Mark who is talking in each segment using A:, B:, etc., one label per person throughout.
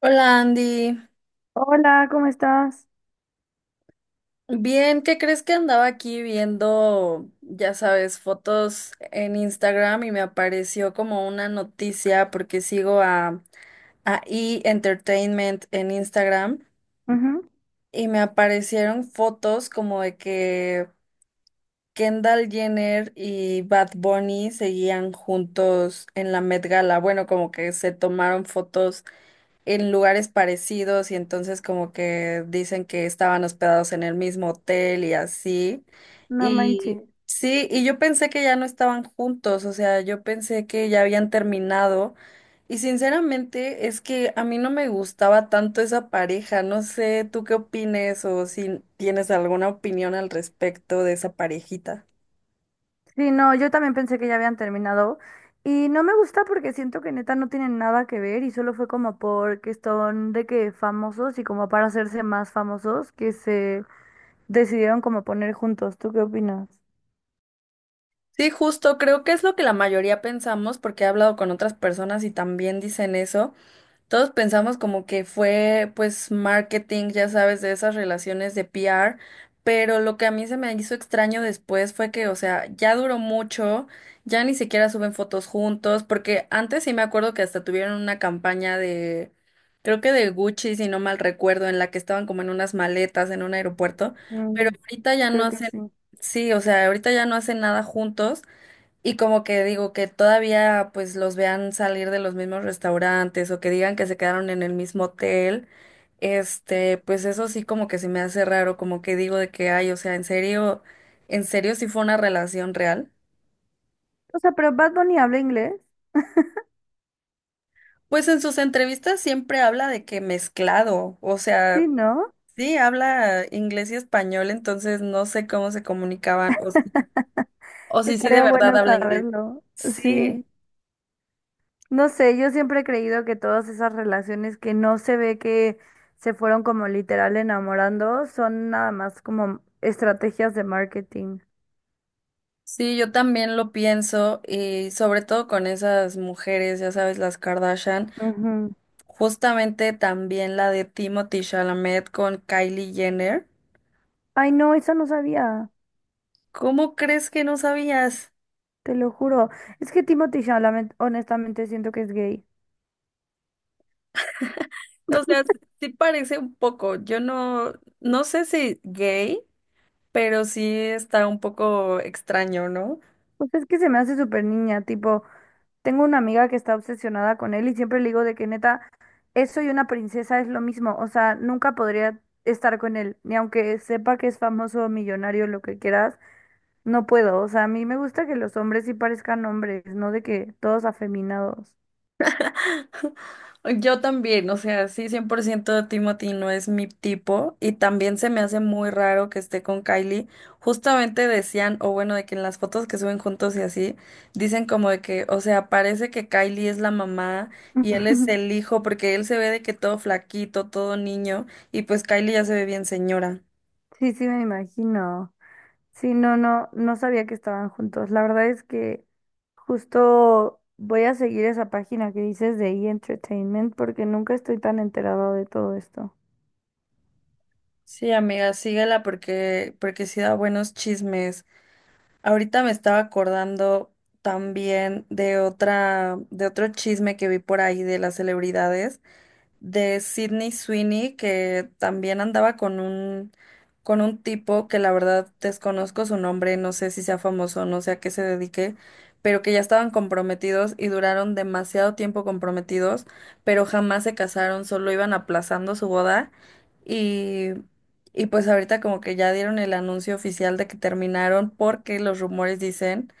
A: Hola Andy,
B: Hola, ¿cómo estás?
A: bien, ¿qué crees? Que andaba aquí viendo, ya sabes, fotos en Instagram y me apareció como una noticia porque sigo a E! Entertainment en Instagram
B: Ujú.
A: y me aparecieron fotos como de que Kendall Jenner y Bad Bunny seguían juntos en la Met Gala, bueno, como que se tomaron fotos en lugares parecidos y entonces como que dicen que estaban hospedados en el mismo hotel y así.
B: No manches.
A: Y sí, y yo pensé que ya no estaban juntos, o sea, yo pensé que ya habían terminado. Y sinceramente es que a mí no me gustaba tanto esa pareja, no sé, ¿tú qué opines o si tienes alguna opinión al respecto de esa parejita?
B: Sí, no, yo también pensé que ya habían terminado. Y no me gusta porque siento que neta no tienen nada que ver y solo fue como porque son de que famosos y como para hacerse más famosos que se decidieron como poner juntos. ¿Tú qué opinas?
A: Sí, justo, creo que es lo que la mayoría pensamos porque he hablado con otras personas y también dicen eso. Todos pensamos como que fue pues marketing, ya sabes, de esas relaciones de PR, pero lo que a mí se me hizo extraño después fue que, o sea, ya duró mucho, ya ni siquiera suben fotos juntos, porque antes sí me acuerdo que hasta tuvieron una campaña de, creo que de Gucci, si no mal recuerdo, en la que estaban como en unas maletas en un aeropuerto, pero
B: Mm,
A: ahorita ya no
B: creo que
A: hacen,
B: sí.
A: sí, o sea, ahorita ya no hacen nada juntos. Y como que digo que todavía pues los vean salir de los mismos restaurantes o que digan que se quedaron en el mismo hotel, este, pues eso sí como que se me hace raro, como que digo de que, ay, o sea, en serio sí fue una relación real.
B: O sea, pero Bad Bunny habla inglés.
A: Pues en sus entrevistas siempre habla de que mezclado, o sea,
B: Sí, ¿no?
A: sí habla inglés y español, entonces no sé cómo se comunicaban, o si sí de
B: Estaría
A: verdad
B: bueno
A: habla inglés.
B: saberlo.
A: Sí.
B: Sí. No sé, yo siempre he creído que todas esas relaciones que no se ve que se fueron como literal enamorando son nada más como estrategias de marketing.
A: Sí, yo también lo pienso y sobre todo con esas mujeres, ya sabes, las Kardashian,
B: Ujú.
A: justamente también la de Timothy Chalamet con Kylie Jenner.
B: Ay, no, eso no sabía,
A: ¿Cómo crees que no sabías?
B: te lo juro. Es que Timothy Chalamet, honestamente, siento que es gay.
A: O sea, sí parece un poco, yo no, no sé si gay, pero sí está un poco extraño, ¿no?
B: Pues es que se me hace súper niña, tipo, tengo una amiga que está obsesionada con él y siempre le digo de que neta, eso y una princesa es lo mismo, o sea, nunca podría estar con él, ni aunque sepa que es famoso, millonario, lo que quieras. No puedo, o sea, a mí me gusta que los hombres sí parezcan hombres, no de que todos afeminados.
A: Yo también, o sea, sí, 100% Timothy no es mi tipo y también se me hace muy raro que esté con Kylie. Justamente decían, o bueno, de que en las fotos que suben juntos y así, dicen como de que, o sea, parece que Kylie es la mamá y él es el hijo porque él se ve de que todo flaquito, todo niño y pues Kylie ya se ve bien señora.
B: Sí, sí, me imagino. Sí, no, no, no sabía que estaban juntos. La verdad es que justo voy a seguir esa página que dices de E! Entertainment porque nunca estoy tan enterado de todo esto.
A: Sí, amiga, síguela porque sí da buenos chismes. Ahorita me estaba acordando también de otro chisme que vi por ahí de las celebridades de Sydney Sweeney, que también andaba con un tipo que la verdad desconozco su nombre, no sé si sea famoso, no sé a qué se dedique, pero que ya estaban comprometidos y duraron demasiado tiempo comprometidos, pero jamás se casaron, solo iban aplazando su boda y, y pues ahorita como que ya dieron el anuncio oficial de que terminaron porque los rumores dicen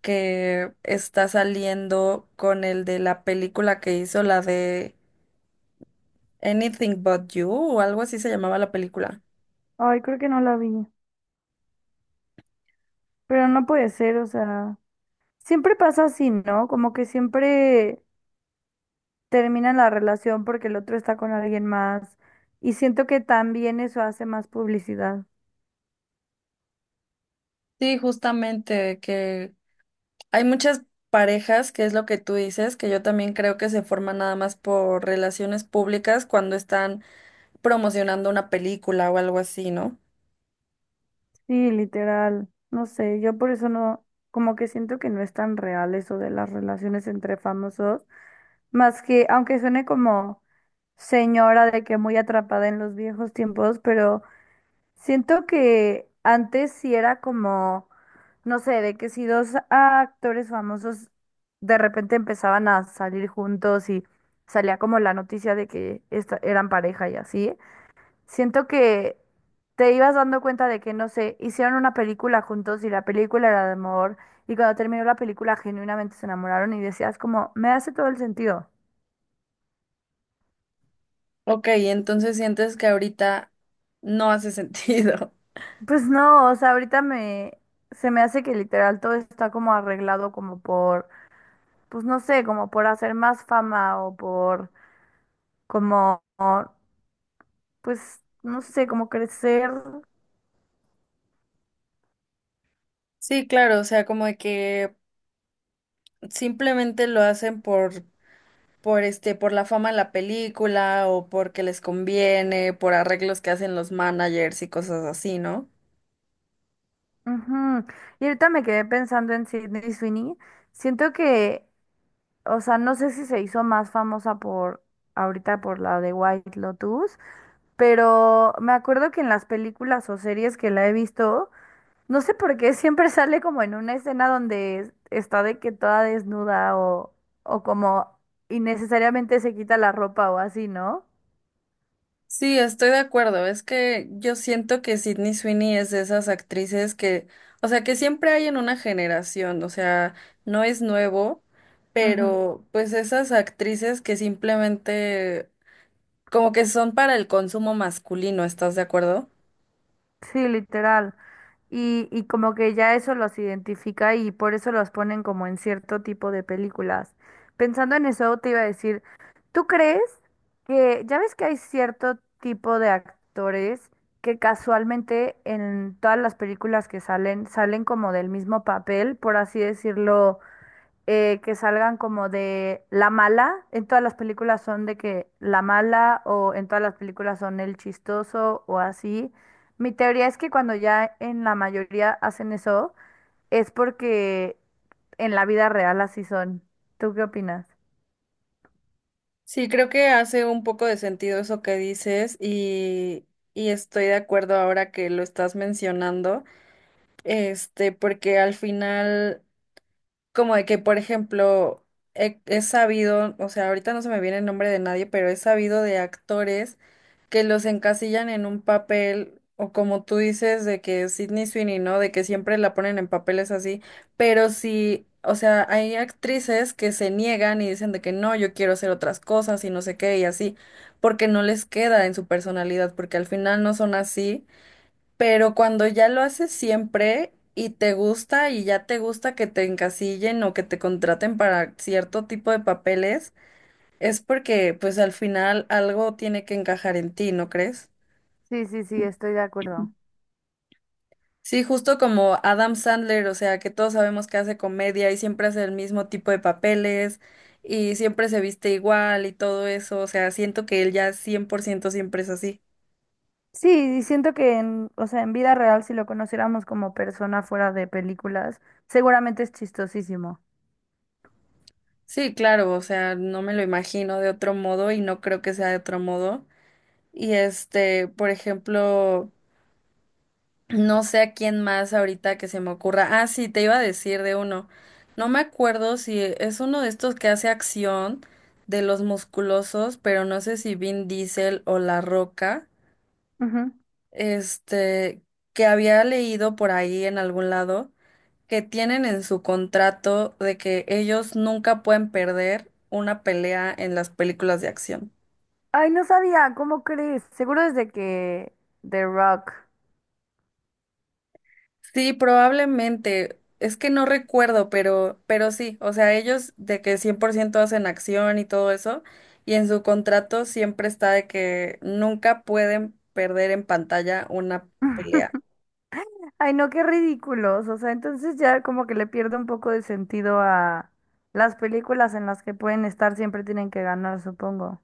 A: que está saliendo con el de la película que hizo, la de Anything But You o algo así se llamaba la película.
B: Ay, creo que no la vi. Pero no puede ser, o sea, siempre pasa así, ¿no? Como que siempre terminan la relación porque el otro está con alguien más. Y siento que también eso hace más publicidad.
A: Sí, justamente que hay muchas parejas, que es lo que tú dices, que yo también creo que se forman nada más por relaciones públicas cuando están promocionando una película o algo así, ¿no?
B: Sí, literal. No sé, yo por eso no, como que siento que no es tan real eso de las relaciones entre famosos, más que, aunque suene como señora de que muy atrapada en los viejos tiempos, pero... Siento que antes sí era como, no sé, de que si dos actores famosos de repente empezaban a salir juntos y salía como la noticia de que eran pareja y así, siento que te ibas dando cuenta de que, no sé, hicieron una película juntos y la película era de amor y cuando terminó la película genuinamente se enamoraron y decías como, me hace todo el sentido.
A: Ok, entonces sientes que ahorita no hace sentido.
B: Pues no, o sea, se me hace que literal todo está como arreglado como por pues no sé, como por hacer más fama o por como, pues no sé, como crecer.
A: Sí, claro, o sea, como de que simplemente lo hacen por este, por la fama de la película o porque les conviene, por arreglos que hacen los managers y cosas así, ¿no?
B: Ujú. Y ahorita me quedé pensando en Sydney Sweeney. Siento que, o sea, no sé si se hizo más famosa por ahorita por la de White Lotus, pero me acuerdo que en las películas o series que la he visto, no sé por qué siempre sale como en una escena donde está de que toda desnuda o como innecesariamente se quita la ropa o así, ¿no?
A: Sí, estoy de acuerdo. Es que yo siento que Sydney Sweeney es de esas actrices que, o sea, que siempre hay en una generación, o sea, no es nuevo,
B: Ujú.
A: pero pues esas actrices que simplemente como que son para el consumo masculino, ¿estás de acuerdo?
B: Sí, literal. Y como que ya eso los identifica y por eso los ponen como en cierto tipo de películas. Pensando en eso, te iba a decir, ¿tú crees que ya ves que hay cierto tipo de actores que casualmente en todas las películas que salen salen como del mismo papel, por así decirlo? Eh, que salgan como de la mala, en todas las películas son de que la mala o en todas las películas son el chistoso o así. Mi teoría es que cuando ya en la mayoría hacen eso, es porque en la vida real así son. ¿Tú qué opinas?
A: Sí, creo que hace un poco de sentido eso que dices y estoy de acuerdo ahora que lo estás mencionando, este, porque al final... Como de que, por ejemplo, he sabido, o sea, ahorita no se me viene el nombre de nadie, pero he sabido de actores que los encasillan en un papel, o como tú dices, de que Sydney Sweeney, ¿no? De que siempre la ponen en papeles así, pero sí, o sea, hay actrices que se niegan y dicen de que no, yo quiero hacer otras cosas y no sé qué y así, porque no les queda en su personalidad, porque al final no son así. Pero cuando ya lo haces siempre y te gusta y ya te gusta que te encasillen o que te contraten para cierto tipo de papeles, es porque pues al final algo tiene que encajar en ti, ¿no crees?
B: Sí, sí, sí, estoy de acuerdo.
A: Sí, justo como Adam Sandler, o sea, que todos sabemos que hace comedia y siempre hace el mismo tipo de papeles y siempre se viste igual y todo eso, o sea, siento que él ya 100% siempre es así.
B: Sí, y siento que en, o sea, en vida real, si lo conociéramos como persona fuera de películas, seguramente es chistosísimo.
A: Sí, claro, o sea, no me lo imagino de otro modo y no creo que sea de otro modo. Y este, por ejemplo, no sé a quién más ahorita que se me ocurra. Ah, sí, te iba a decir de uno. No me acuerdo si es uno de estos que hace acción de los musculosos, pero no sé si Vin Diesel o La Roca,
B: Ujú.
A: este, que había leído por ahí en algún lado que tienen en su contrato de que ellos nunca pueden perder una pelea en las películas de acción.
B: Ay, no sabía, ¿cómo crees? Seguro desde que The Rock.
A: Sí, probablemente. Es que no recuerdo, pero sí, o sea, ellos de que 100% hacen acción y todo eso, y en su contrato siempre está de que nunca pueden perder en pantalla una pelea.
B: Ay, no, qué ridículos. O sea, entonces ya como que le pierdo un poco de sentido a las películas en las que pueden estar, siempre tienen que ganar, supongo.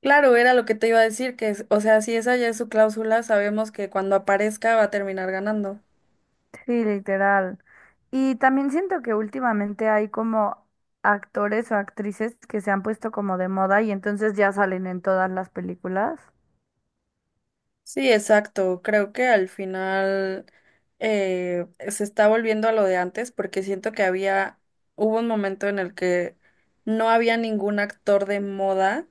A: Claro, era lo que te iba a decir, que, o sea, si esa ya es su cláusula, sabemos que cuando aparezca va a terminar ganando.
B: Sí, literal. Y también siento que últimamente hay como actores o actrices que se han puesto como de moda y entonces ya salen en todas las películas.
A: Sí, exacto. Creo que al final se está volviendo a lo de antes porque siento que hubo un momento en el que no había ningún actor de moda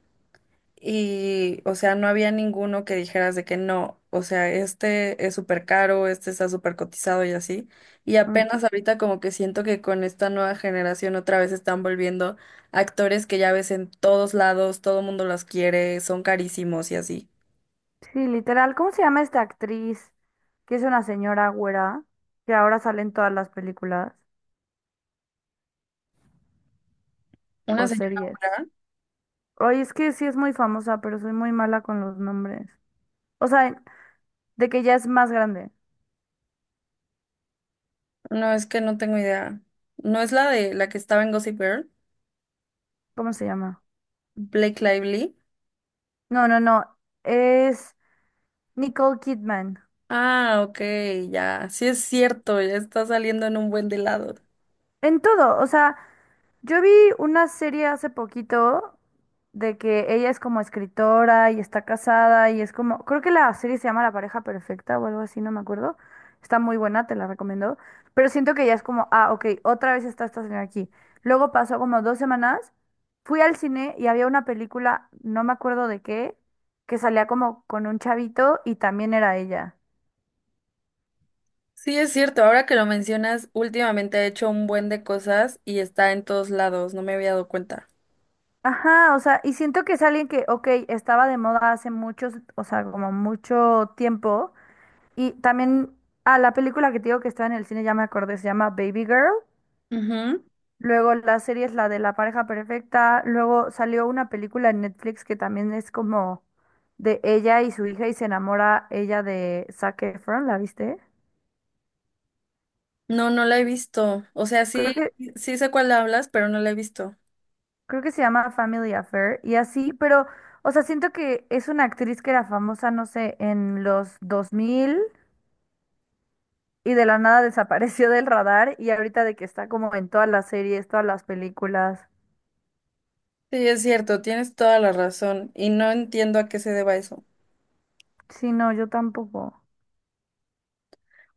A: y, o sea, no había ninguno que dijeras de que no, o sea, este es súper caro, este está súper cotizado y así. Y
B: Ujú.
A: apenas ahorita como que siento que con esta nueva generación otra vez están volviendo actores que ya ves en todos lados, todo mundo los quiere, son carísimos y así.
B: Sí, literal. ¿Cómo se llama esta actriz? Que es una señora güera, que ahora sale en todas las películas.
A: Una
B: O
A: señora.
B: series. Oye, es que sí es muy famosa, pero soy muy mala con los nombres. O sea, de que ya es más grande.
A: No, es que no tengo idea. ¿No es la de la que estaba en Gossip Girl?
B: ¿Cómo se llama?
A: Blake Lively.
B: No, no, no. Es Nicole Kidman.
A: Ah, ok, ya. Sí es cierto, ya está saliendo en un buen de lado.
B: En todo, o sea, yo vi una serie hace poquito de que ella es como escritora y está casada y es como, creo que la serie se llama La pareja perfecta o algo así, no me acuerdo. Está muy buena, te la recomiendo. Pero siento que ya es como, ah, ok, otra vez está esta señora aquí. Luego pasó como 2 semanas, fui al cine y había una película, no me acuerdo de qué, que salía como con un chavito y también era ella.
A: Sí es cierto, ahora que lo mencionas, últimamente ha hecho un buen de cosas y está en todos lados, no me había dado cuenta.
B: Ajá, o sea, y siento que es alguien que, ok, estaba de moda hace muchos, o sea, como mucho tiempo. Y también, ah, la película que te digo que está en el cine, ya me acordé, se llama Baby Girl.
A: Ujú.
B: Luego la serie es la de La pareja perfecta. Luego salió una película en Netflix que también es como de ella y su hija y se enamora ella de Zac Efron, ¿la viste?
A: No, no la he visto. O sea, sí,
B: Creo que,
A: sí sé cuál hablas, pero no la he visto.
B: creo que se llama Family Affair y así, pero, o sea, siento que es una actriz que era famosa, no sé, en los 2000 y de la nada desapareció del radar y ahorita de que está como en todas las series, todas las películas.
A: Sí, es cierto, tienes toda la razón y no entiendo a qué se deba eso.
B: Sí, no, yo tampoco.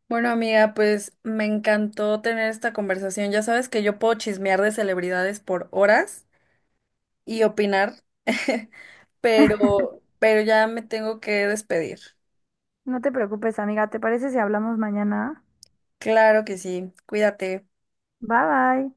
A: Bueno, amiga, pues me encantó tener esta conversación. Ya sabes que yo puedo chismear de celebridades por horas y opinar, pero ya me tengo que despedir.
B: No te preocupes, amiga. ¿Te parece si hablamos mañana?
A: Claro que sí, cuídate.
B: Bye bye.